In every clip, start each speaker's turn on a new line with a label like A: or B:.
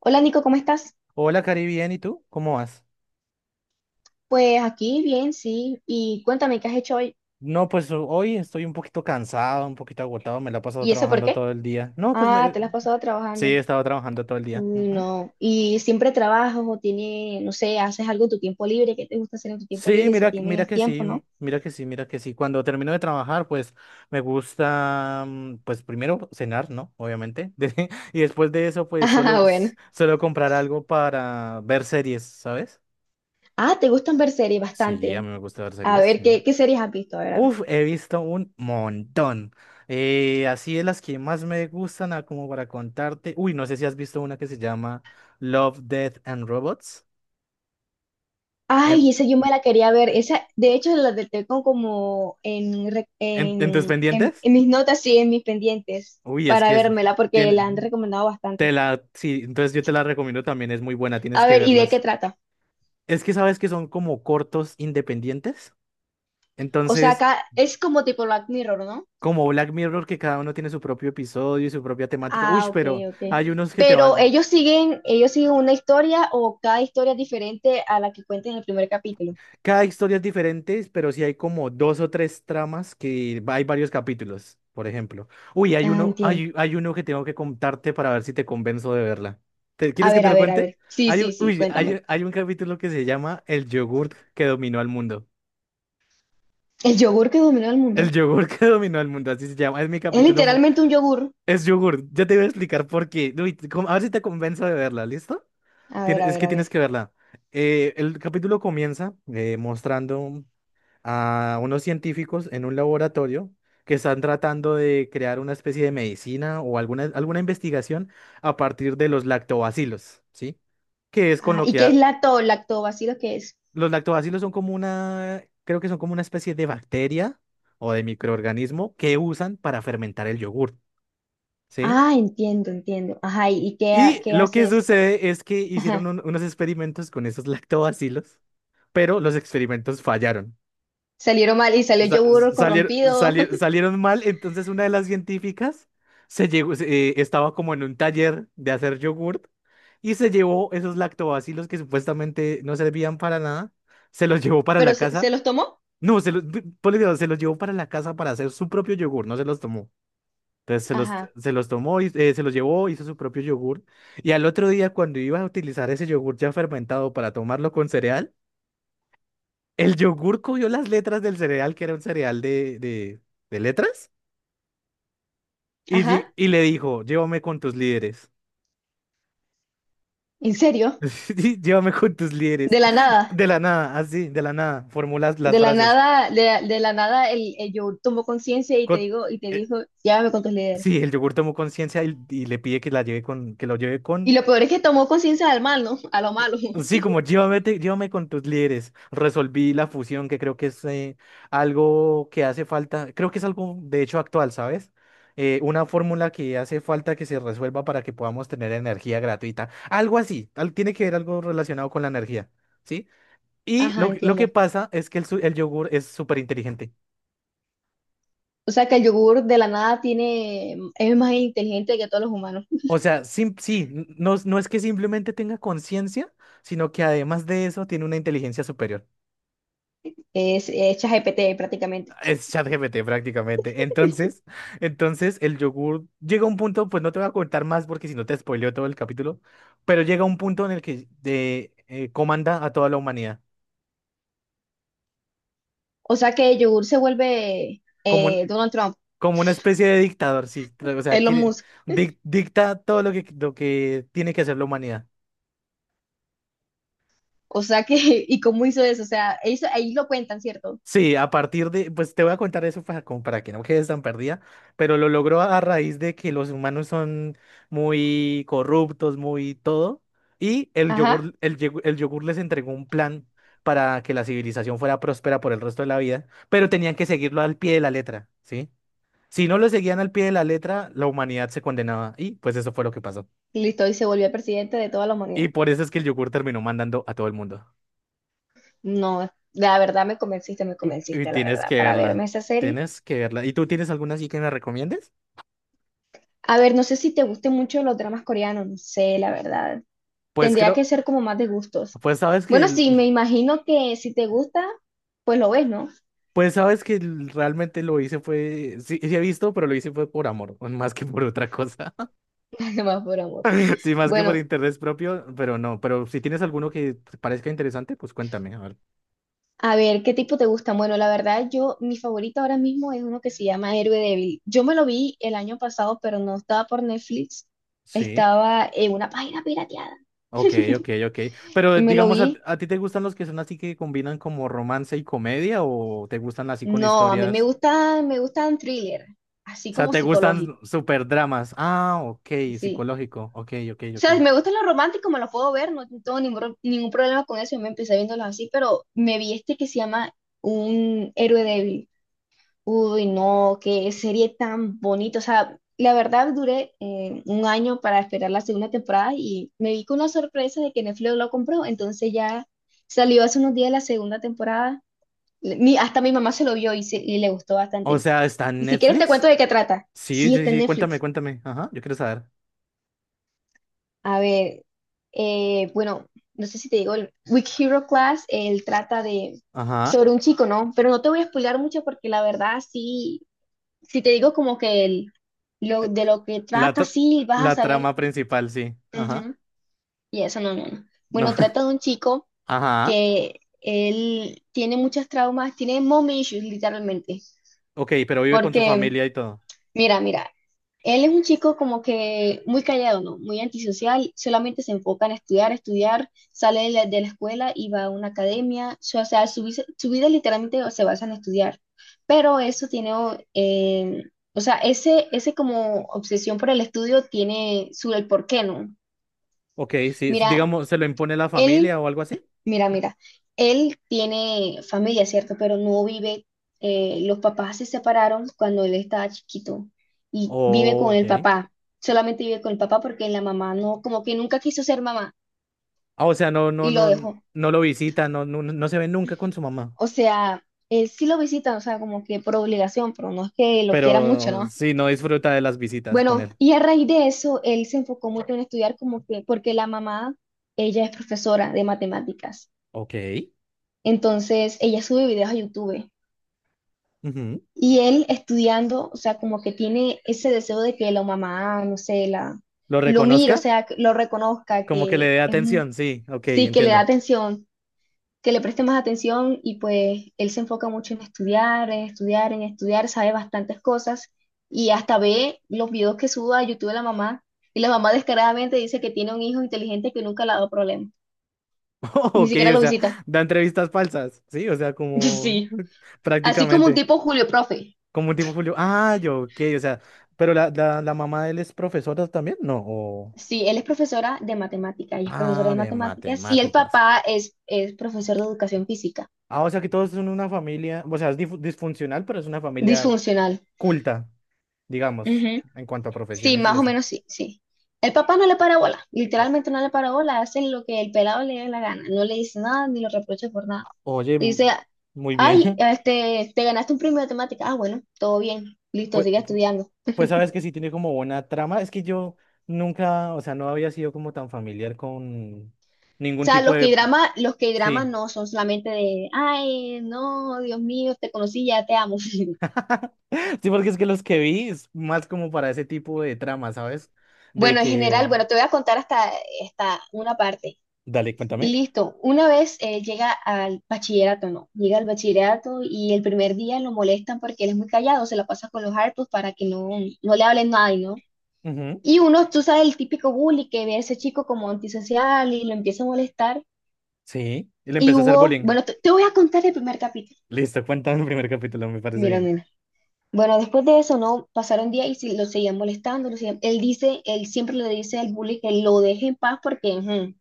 A: Hola Nico, ¿cómo estás?
B: Hola, Cari, bien, ¿y tú? ¿Cómo vas?
A: Pues aquí bien, sí. Y cuéntame, ¿qué has hecho hoy?
B: No, pues hoy estoy un poquito cansado, un poquito agotado, me la he pasado
A: ¿Y eso por
B: trabajando
A: qué?
B: todo el día. No, pues
A: Ah,
B: me...
A: te la has pasado
B: Sí,
A: trabajando.
B: he estado trabajando todo el día.
A: Uy,
B: Ujú.
A: no. ¿Y siempre trabajas o tiene, no sé, haces algo en tu tiempo libre? ¿Qué te gusta hacer en tu tiempo
B: Sí,
A: libre si
B: mira, mira
A: tienes
B: que
A: tiempo,
B: sí,
A: no?
B: mira que sí. Cuando termino de trabajar, pues me gusta, pues primero cenar, ¿no? Obviamente. Y después de eso, pues
A: Ah, bueno.
B: suelo comprar algo para ver series, ¿sabes?
A: Ah, ¿te gustan ver series
B: Sí, a
A: bastante?
B: mí me gusta ver
A: A
B: series,
A: ver,
B: sí.
A: ¿qué series has visto? A ver, a ver.
B: Uf, he visto un montón. Así de las que más me gustan, como para contarte. Uy, no sé si has visto una que se llama Love, Death and Robots. ¿En,
A: Ay, esa yo me la quería ver. Esa, de hecho, la del tengo como en,
B: en tus
A: en,
B: pendientes?
A: en mis notas, sí, en mis pendientes
B: Uy, es
A: para
B: que es.
A: vérmela porque
B: Tiene,
A: la han recomendado
B: te
A: bastante.
B: la, sí, entonces yo te la recomiendo también, es muy buena, tienes
A: A
B: que
A: ver, ¿y de qué
B: verlas.
A: trata?
B: Es que sabes que son como cortos independientes.
A: O sea,
B: Entonces,
A: acá es como tipo Black Mirror, ¿no?
B: como Black Mirror, que cada uno tiene su propio episodio y su propia temática. Uy,
A: Ah, ok,
B: pero
A: ok.
B: hay unos que te
A: Pero
B: van.
A: ellos siguen una historia o cada historia es diferente a la que cuenta en el primer capítulo.
B: Cada historia es diferente, pero sí hay como dos o tres tramas que hay varios capítulos, por ejemplo. Uy, hay
A: Ah,
B: uno,
A: entiendo.
B: hay uno que tengo que contarte para ver si te convenzo de verla. ¿Te,
A: A
B: quieres que
A: ver,
B: te
A: a
B: lo
A: ver, a
B: cuente?
A: ver. Sí,
B: Hay
A: sí,
B: un,
A: sí,
B: uy,
A: cuéntame.
B: hay un capítulo que se llama El yogurt que dominó al mundo.
A: El yogur que dominó el
B: El
A: mundo.
B: yogurt que dominó al mundo, así se llama. Es mi
A: Es
B: capítulo.
A: literalmente un yogur.
B: Es yogurt. Ya te voy a explicar por qué. Uy, a ver si te convenzo de verla, ¿listo?
A: A ver, a
B: Es
A: ver,
B: que
A: a
B: tienes
A: ver.
B: que verla. El capítulo comienza mostrando a unos científicos en un laboratorio que están tratando de crear una especie de medicina o alguna investigación a partir de los lactobacilos, ¿sí? Que es con
A: Ah,
B: lo
A: ¿y
B: que
A: qué es lacto, lactobacilo que es?
B: los lactobacilos son como una, creo que son como una especie de bacteria o de microorganismo que usan para fermentar el yogur, ¿sí?
A: Ah, entiendo, entiendo. Ajá, ¿y,
B: Y
A: qué
B: lo que
A: hace eso? O sea,
B: sucede es que hicieron
A: ajá,
B: unos experimentos con esos lactobacilos, pero los experimentos fallaron.
A: salieron mal y salió
B: Sa-
A: yogur corrompido.
B: Salieron mal, entonces una de las científicas se llegó, estaba como en un taller de hacer yogurt y se llevó esos lactobacilos que supuestamente no servían para nada, se los llevó para la
A: Pero se
B: casa.
A: los tomó.
B: No, ponle cuidado, se los llevó para la casa para hacer su propio yogur, no se los tomó. Entonces
A: Ajá.
B: se los tomó, y, se los llevó, hizo su propio yogur. Y al otro día, cuando iba a utilizar ese yogur ya fermentado para tomarlo con cereal, el yogur cogió las letras del cereal, que era un cereal de letras, y,
A: Ajá.
B: y le dijo, llévame con tus líderes.
A: ¿En serio?
B: Sí, llévame con tus líderes.
A: De la nada,
B: De la nada, así, de la nada, formulas las
A: de la
B: frases.
A: nada, de la nada el, el yo tomó conciencia y te
B: Con-
A: digo, y te
B: eh,
A: dijo, llévame con tus líderes.
B: sí, el yogur tomó conciencia y le pide que la lleve con, que lo lleve
A: Y
B: con.
A: lo peor es que tomó conciencia del mal, ¿no? A lo malo.
B: Sí, como llévame, llévame con tus líderes. Resolví la fusión, que creo que es algo que hace falta. Creo que es algo, de hecho, actual, ¿sabes? Una fórmula que hace falta que se resuelva para que podamos tener energía gratuita. Algo así. Tiene que ver algo relacionado con la energía, ¿sí? Y
A: Ajá,
B: lo que
A: entiendo.
B: pasa es que el yogur es súper inteligente.
A: O sea que el yogur de la nada tiene, es más inteligente que todos los humanos.
B: O sea, sí, no, no es que simplemente tenga conciencia, sino que además de eso tiene una inteligencia superior.
A: Es ChatGPT prácticamente.
B: Es ChatGPT prácticamente. Entonces el yogur llega a un punto, pues no te voy a contar más porque si no te spoileo todo el capítulo, pero llega a un punto en el que comanda a toda la humanidad,
A: O sea que el yogur se vuelve
B: como, un-
A: Donald Trump,
B: como una especie de dictador, sí. O sea,
A: Elon
B: quiere,
A: Musk.
B: dicta todo lo que tiene que hacer la humanidad.
A: O sea que, ¿y cómo hizo eso? O sea, eso, ahí lo cuentan, ¿cierto?
B: Sí, a partir de, pues te voy a contar eso para, como para que no quedes tan perdida, pero lo logró a raíz de que los humanos son muy corruptos, muy todo, y el
A: Ajá.
B: yogur, el yogur les entregó un plan para que la civilización fuera próspera por el resto de la vida, pero tenían que seguirlo al pie de la letra, ¿sí? Si no lo seguían al pie de la letra, la humanidad se condenaba, y pues eso fue lo que pasó.
A: Listo, y se volvió el presidente de toda la
B: Y
A: humanidad.
B: por eso es que el yogur terminó mandando a todo el mundo.
A: No, la verdad me
B: Y
A: convenciste, la
B: tienes
A: verdad,
B: que
A: para verme
B: verla,
A: esa serie.
B: tienes que verla. ¿Y tú tienes alguna así que me recomiendes?
A: A ver, no sé si te gusten mucho los dramas coreanos, no sé, la verdad.
B: Pues
A: Tendría que
B: creo,
A: ser como más de gustos.
B: pues sabes que,
A: Bueno, sí, me imagino que si te gusta, pues lo ves, ¿no?
B: pues sabes que realmente lo hice fue, sí, sí he visto, pero lo hice fue por amor, más que por otra cosa.
A: Además, por amor.
B: Sí, más que por
A: Bueno,
B: interés propio, pero no, pero si tienes alguno que te parezca interesante, pues cuéntame, a ver.
A: a ver, ¿qué tipo te gusta? Bueno, la verdad, yo, mi favorito ahora mismo es uno que se llama Héroe Débil. Yo me lo vi el año pasado, pero no estaba por Netflix,
B: Sí.
A: estaba en una página pirateada.
B: Ok, ok, ok. Pero
A: Y me lo
B: digamos,
A: vi.
B: a ti te gustan los que son así que combinan como romance y comedia o te gustan así con
A: No, a mí
B: historias?
A: me gustan thriller, así
B: O sea,
A: como
B: ¿te gustan
A: psicológico,
B: super dramas? Ah, ok,
A: sí.
B: psicológico. Ok, ok,
A: O
B: ok.
A: sea, si me gustan los románticos, me los puedo ver, no tengo ningún, ningún problema con eso, yo me empecé viéndolos así, pero me vi este que se llama Un héroe débil. Uy, no, qué serie tan bonita. O sea, la verdad duré un año para esperar la segunda temporada y me vi con la sorpresa de que Netflix lo compró, entonces ya salió hace unos días la segunda temporada. Mi, hasta mi mamá se lo vio y, y le gustó
B: O
A: bastante.
B: sea, ¿está en
A: Y si quieres te cuento
B: Netflix?
A: de qué trata.
B: Sí,
A: Sí,
B: sí,
A: está en
B: sí, cuéntame,
A: Netflix.
B: cuéntame. Ajá, yo quiero saber.
A: A ver, bueno, no sé si te digo, el Weak Hero Class, él trata de
B: Ajá.
A: sobre un chico, ¿no? Pero no te voy a spoilear mucho porque la verdad sí, si te digo como que el, lo,
B: eh,
A: de lo que
B: La,
A: trata,
B: tra-
A: sí, vas a
B: la
A: saber.
B: trama principal, sí. Ajá.
A: Ujú. Y eso no, no, no.
B: No.
A: Bueno, trata de un chico
B: Ajá.
A: que él tiene muchos traumas, tiene mom issues literalmente.
B: Ok, pero vive con su
A: Porque,
B: familia y todo.
A: mira, mira, él es un chico como que muy callado, ¿no? Muy antisocial, solamente se enfoca en estudiar, estudiar, sale de la escuela y va a una academia, o sea, su, su vida literalmente se basa en estudiar, pero eso tiene, o o sea, ese como obsesión por el estudio tiene su el porqué, ¿no?
B: Ok, sí.
A: Mira,
B: Digamos, ¿se lo impone la
A: él.
B: familia o algo así?
A: Mira, mira, él tiene familia, ¿cierto? Pero no vive, los papás se separaron cuando él estaba chiquito y vive
B: Oh,
A: con
B: ok.
A: el papá, solamente vive con el papá porque la mamá no, como que nunca quiso ser mamá
B: Ah, o sea, no, no,
A: y lo
B: no,
A: dejó.
B: no lo visita, no, no no se ve nunca con su mamá.
A: O sea, él sí lo visita, o sea, como que por obligación, pero no es que lo quiera mucho,
B: Pero
A: ¿no?
B: sí, no disfruta de las visitas con
A: Bueno,
B: él.
A: y a raíz de eso, él se enfocó mucho en estudiar como que, porque la mamá, ella es profesora de matemáticas,
B: Ok.
A: entonces ella sube videos a YouTube.
B: Ujú.
A: Y él estudiando, o sea, como que tiene ese deseo de que la mamá, no sé, la,
B: ¿Lo
A: lo mire, o
B: reconozca?
A: sea, que lo reconozca,
B: Como que le dé atención, sí. Ok,
A: sí, que le da
B: entiendo.
A: atención, que le preste más atención y pues él se enfoca mucho en estudiar, en estudiar, en estudiar, sabe bastantes cosas y hasta ve los videos que sube a YouTube de la mamá y la mamá descaradamente dice que tiene un hijo inteligente que nunca le ha dado problemas, ni
B: Ok,
A: siquiera
B: o
A: lo
B: sea,
A: visita.
B: da entrevistas falsas, sí, o sea, como
A: Sí, así como un
B: prácticamente,
A: tipo Julio Profe.
B: como un tipo Julio. Ah, yo, ok, o sea, pero la mamá de él es profesora también, ¿no? O...
A: Sí, él es profesora de matemática, ella es profesora
B: Ah,
A: de
B: de
A: matemáticas y el
B: matemáticas.
A: papá es profesor de educación física,
B: Ah, o sea que todos son una familia, o sea, es disfuncional, pero es una familia
A: disfuncional.
B: culta, digamos,
A: Ujú.
B: en cuanto a
A: Sí,
B: profesiones y
A: más o
B: eso.
A: menos sí, sí. El papá no le para bola,
B: O-
A: literalmente no le para bola, hace lo que el pelado le dé la gana, no le dice nada ni lo reprocha por nada.
B: oye,
A: Le dice,
B: m- Muy bien.
A: ay, este, te ganaste un premio de matemática, ah, bueno, todo bien, listo,
B: Pues,
A: sigue estudiando. O
B: pues sabes que sí tiene como buena trama, es que yo nunca, o sea, no había sido como tan familiar con ningún
A: sea,
B: tipo de.
A: Los K-dramas
B: Sí.
A: no son solamente de, ay, no, Dios mío, te conocí, ya te amo.
B: Sí, porque es que los que vi es más como para ese tipo de trama, ¿sabes? De
A: Bueno, en general,
B: que...
A: bueno, te voy a contar hasta, hasta una parte.
B: Dale,
A: Y
B: cuéntame.
A: listo, una vez llega al bachillerato, no, llega al bachillerato y el primer día lo molestan porque él es muy callado, se la pasa con los hartos para que no, no le hablen nadie, ¿no?
B: Ujú.
A: Y uno, tú sabes, el típico bully que ve a ese chico como antisocial y lo empieza a molestar.
B: Sí. Y le
A: Y
B: empezó a hacer
A: hubo,
B: bullying.
A: bueno, te voy a contar el primer capítulo.
B: Listo, cuéntame el primer capítulo, me parece
A: Mira,
B: bien.
A: mira. Bueno, después de eso, ¿no? Pasaron días y lo seguían molestando, lo seguían. Él dice, él siempre le dice al bully que lo deje en paz porque ujú,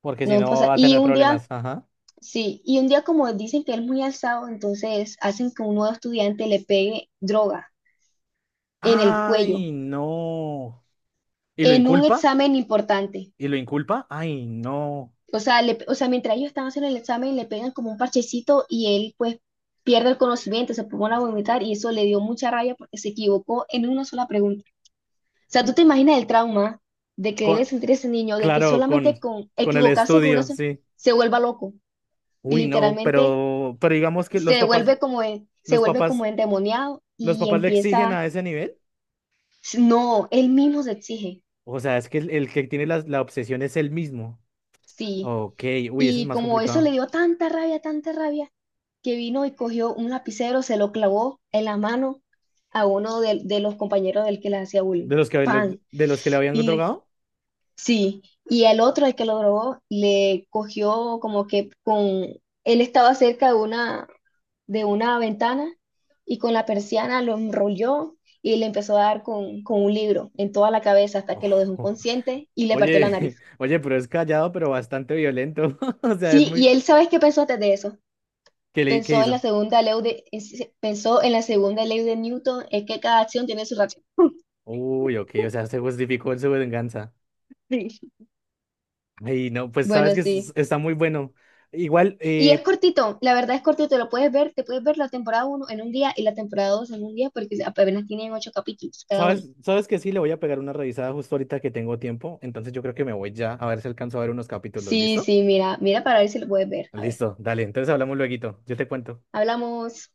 B: Porque si
A: no
B: no
A: pasa.
B: va a
A: Y
B: tener
A: un
B: problemas.
A: día,
B: Ajá.
A: sí, y un día como dicen que él es muy alzado, entonces hacen que un nuevo estudiante le pegue droga en el cuello,
B: Ay, no. ¿Y lo
A: en un
B: inculpa?
A: examen importante.
B: ¿Y lo inculpa? Ay, no.
A: O sea, o sea, mientras ellos están haciendo el examen, le pegan como un parchecito y él pues pierde el conocimiento, se pone a vomitar y eso le dio mucha rabia porque se equivocó en una sola pregunta. O sea, ¿tú te imaginas el trauma de que
B: Con-
A: debe sentir ese niño, de que
B: claro,
A: solamente con
B: con el
A: equivocarse con una
B: estudio,
A: se,
B: sí.
A: se vuelva loco y
B: Uy, no,
A: literalmente
B: pero digamos que los
A: se
B: papás,
A: vuelve como, se
B: los
A: vuelve como
B: papás,
A: endemoniado
B: los
A: y
B: papás le exigen
A: empieza,
B: a ese nivel.
A: no, él mismo se exige,
B: O sea, es que el que tiene la obsesión es él mismo.
A: sí.
B: Ok, uy, eso es
A: Y
B: más
A: como eso
B: complicado.
A: le dio tanta rabia, que vino y cogió un lapicero, se lo clavó en la mano a uno de los compañeros del que le hacía bullying.
B: ¿De los que,
A: Pan.
B: de los que le habían
A: Y
B: drogado?
A: sí, y el otro, el que lo drogó, le cogió como que con, él estaba cerca de una ventana y con la persiana lo enrolló y le empezó a dar con un libro en toda la cabeza hasta que lo dejó
B: Ojo.
A: inconsciente y le partió la
B: Oye,
A: nariz.
B: oye, pero es callado, pero bastante violento. O sea, es
A: Sí, y
B: muy...
A: él, ¿sabes qué pensó antes de eso?
B: ¿Qué, le, qué
A: Pensó en la
B: hizo?
A: segunda ley de, pensó en la segunda ley de Newton, es que cada acción tiene su reacción.
B: Uy, ok, o sea, se justificó en su venganza.
A: Sí.
B: Ay, no, pues sabes
A: Bueno,
B: que
A: sí.
B: está muy bueno. Igual,
A: Y es cortito, la verdad es cortito, lo puedes ver, te puedes ver la temporada uno en un día y la temporada 2 en un día porque apenas tienen 8 capítulos cada uno.
B: ¿sabes? ¿Sabes que sí? Le voy a pegar una revisada justo ahorita que tengo tiempo. Entonces yo creo que me voy ya a ver si alcanzo a ver unos capítulos.
A: Sí,
B: ¿Listo?
A: sí, mira, mira para ver si lo puedes ver. A ver,
B: Listo, dale. Entonces hablamos lueguito. Yo te cuento.
A: hablamos.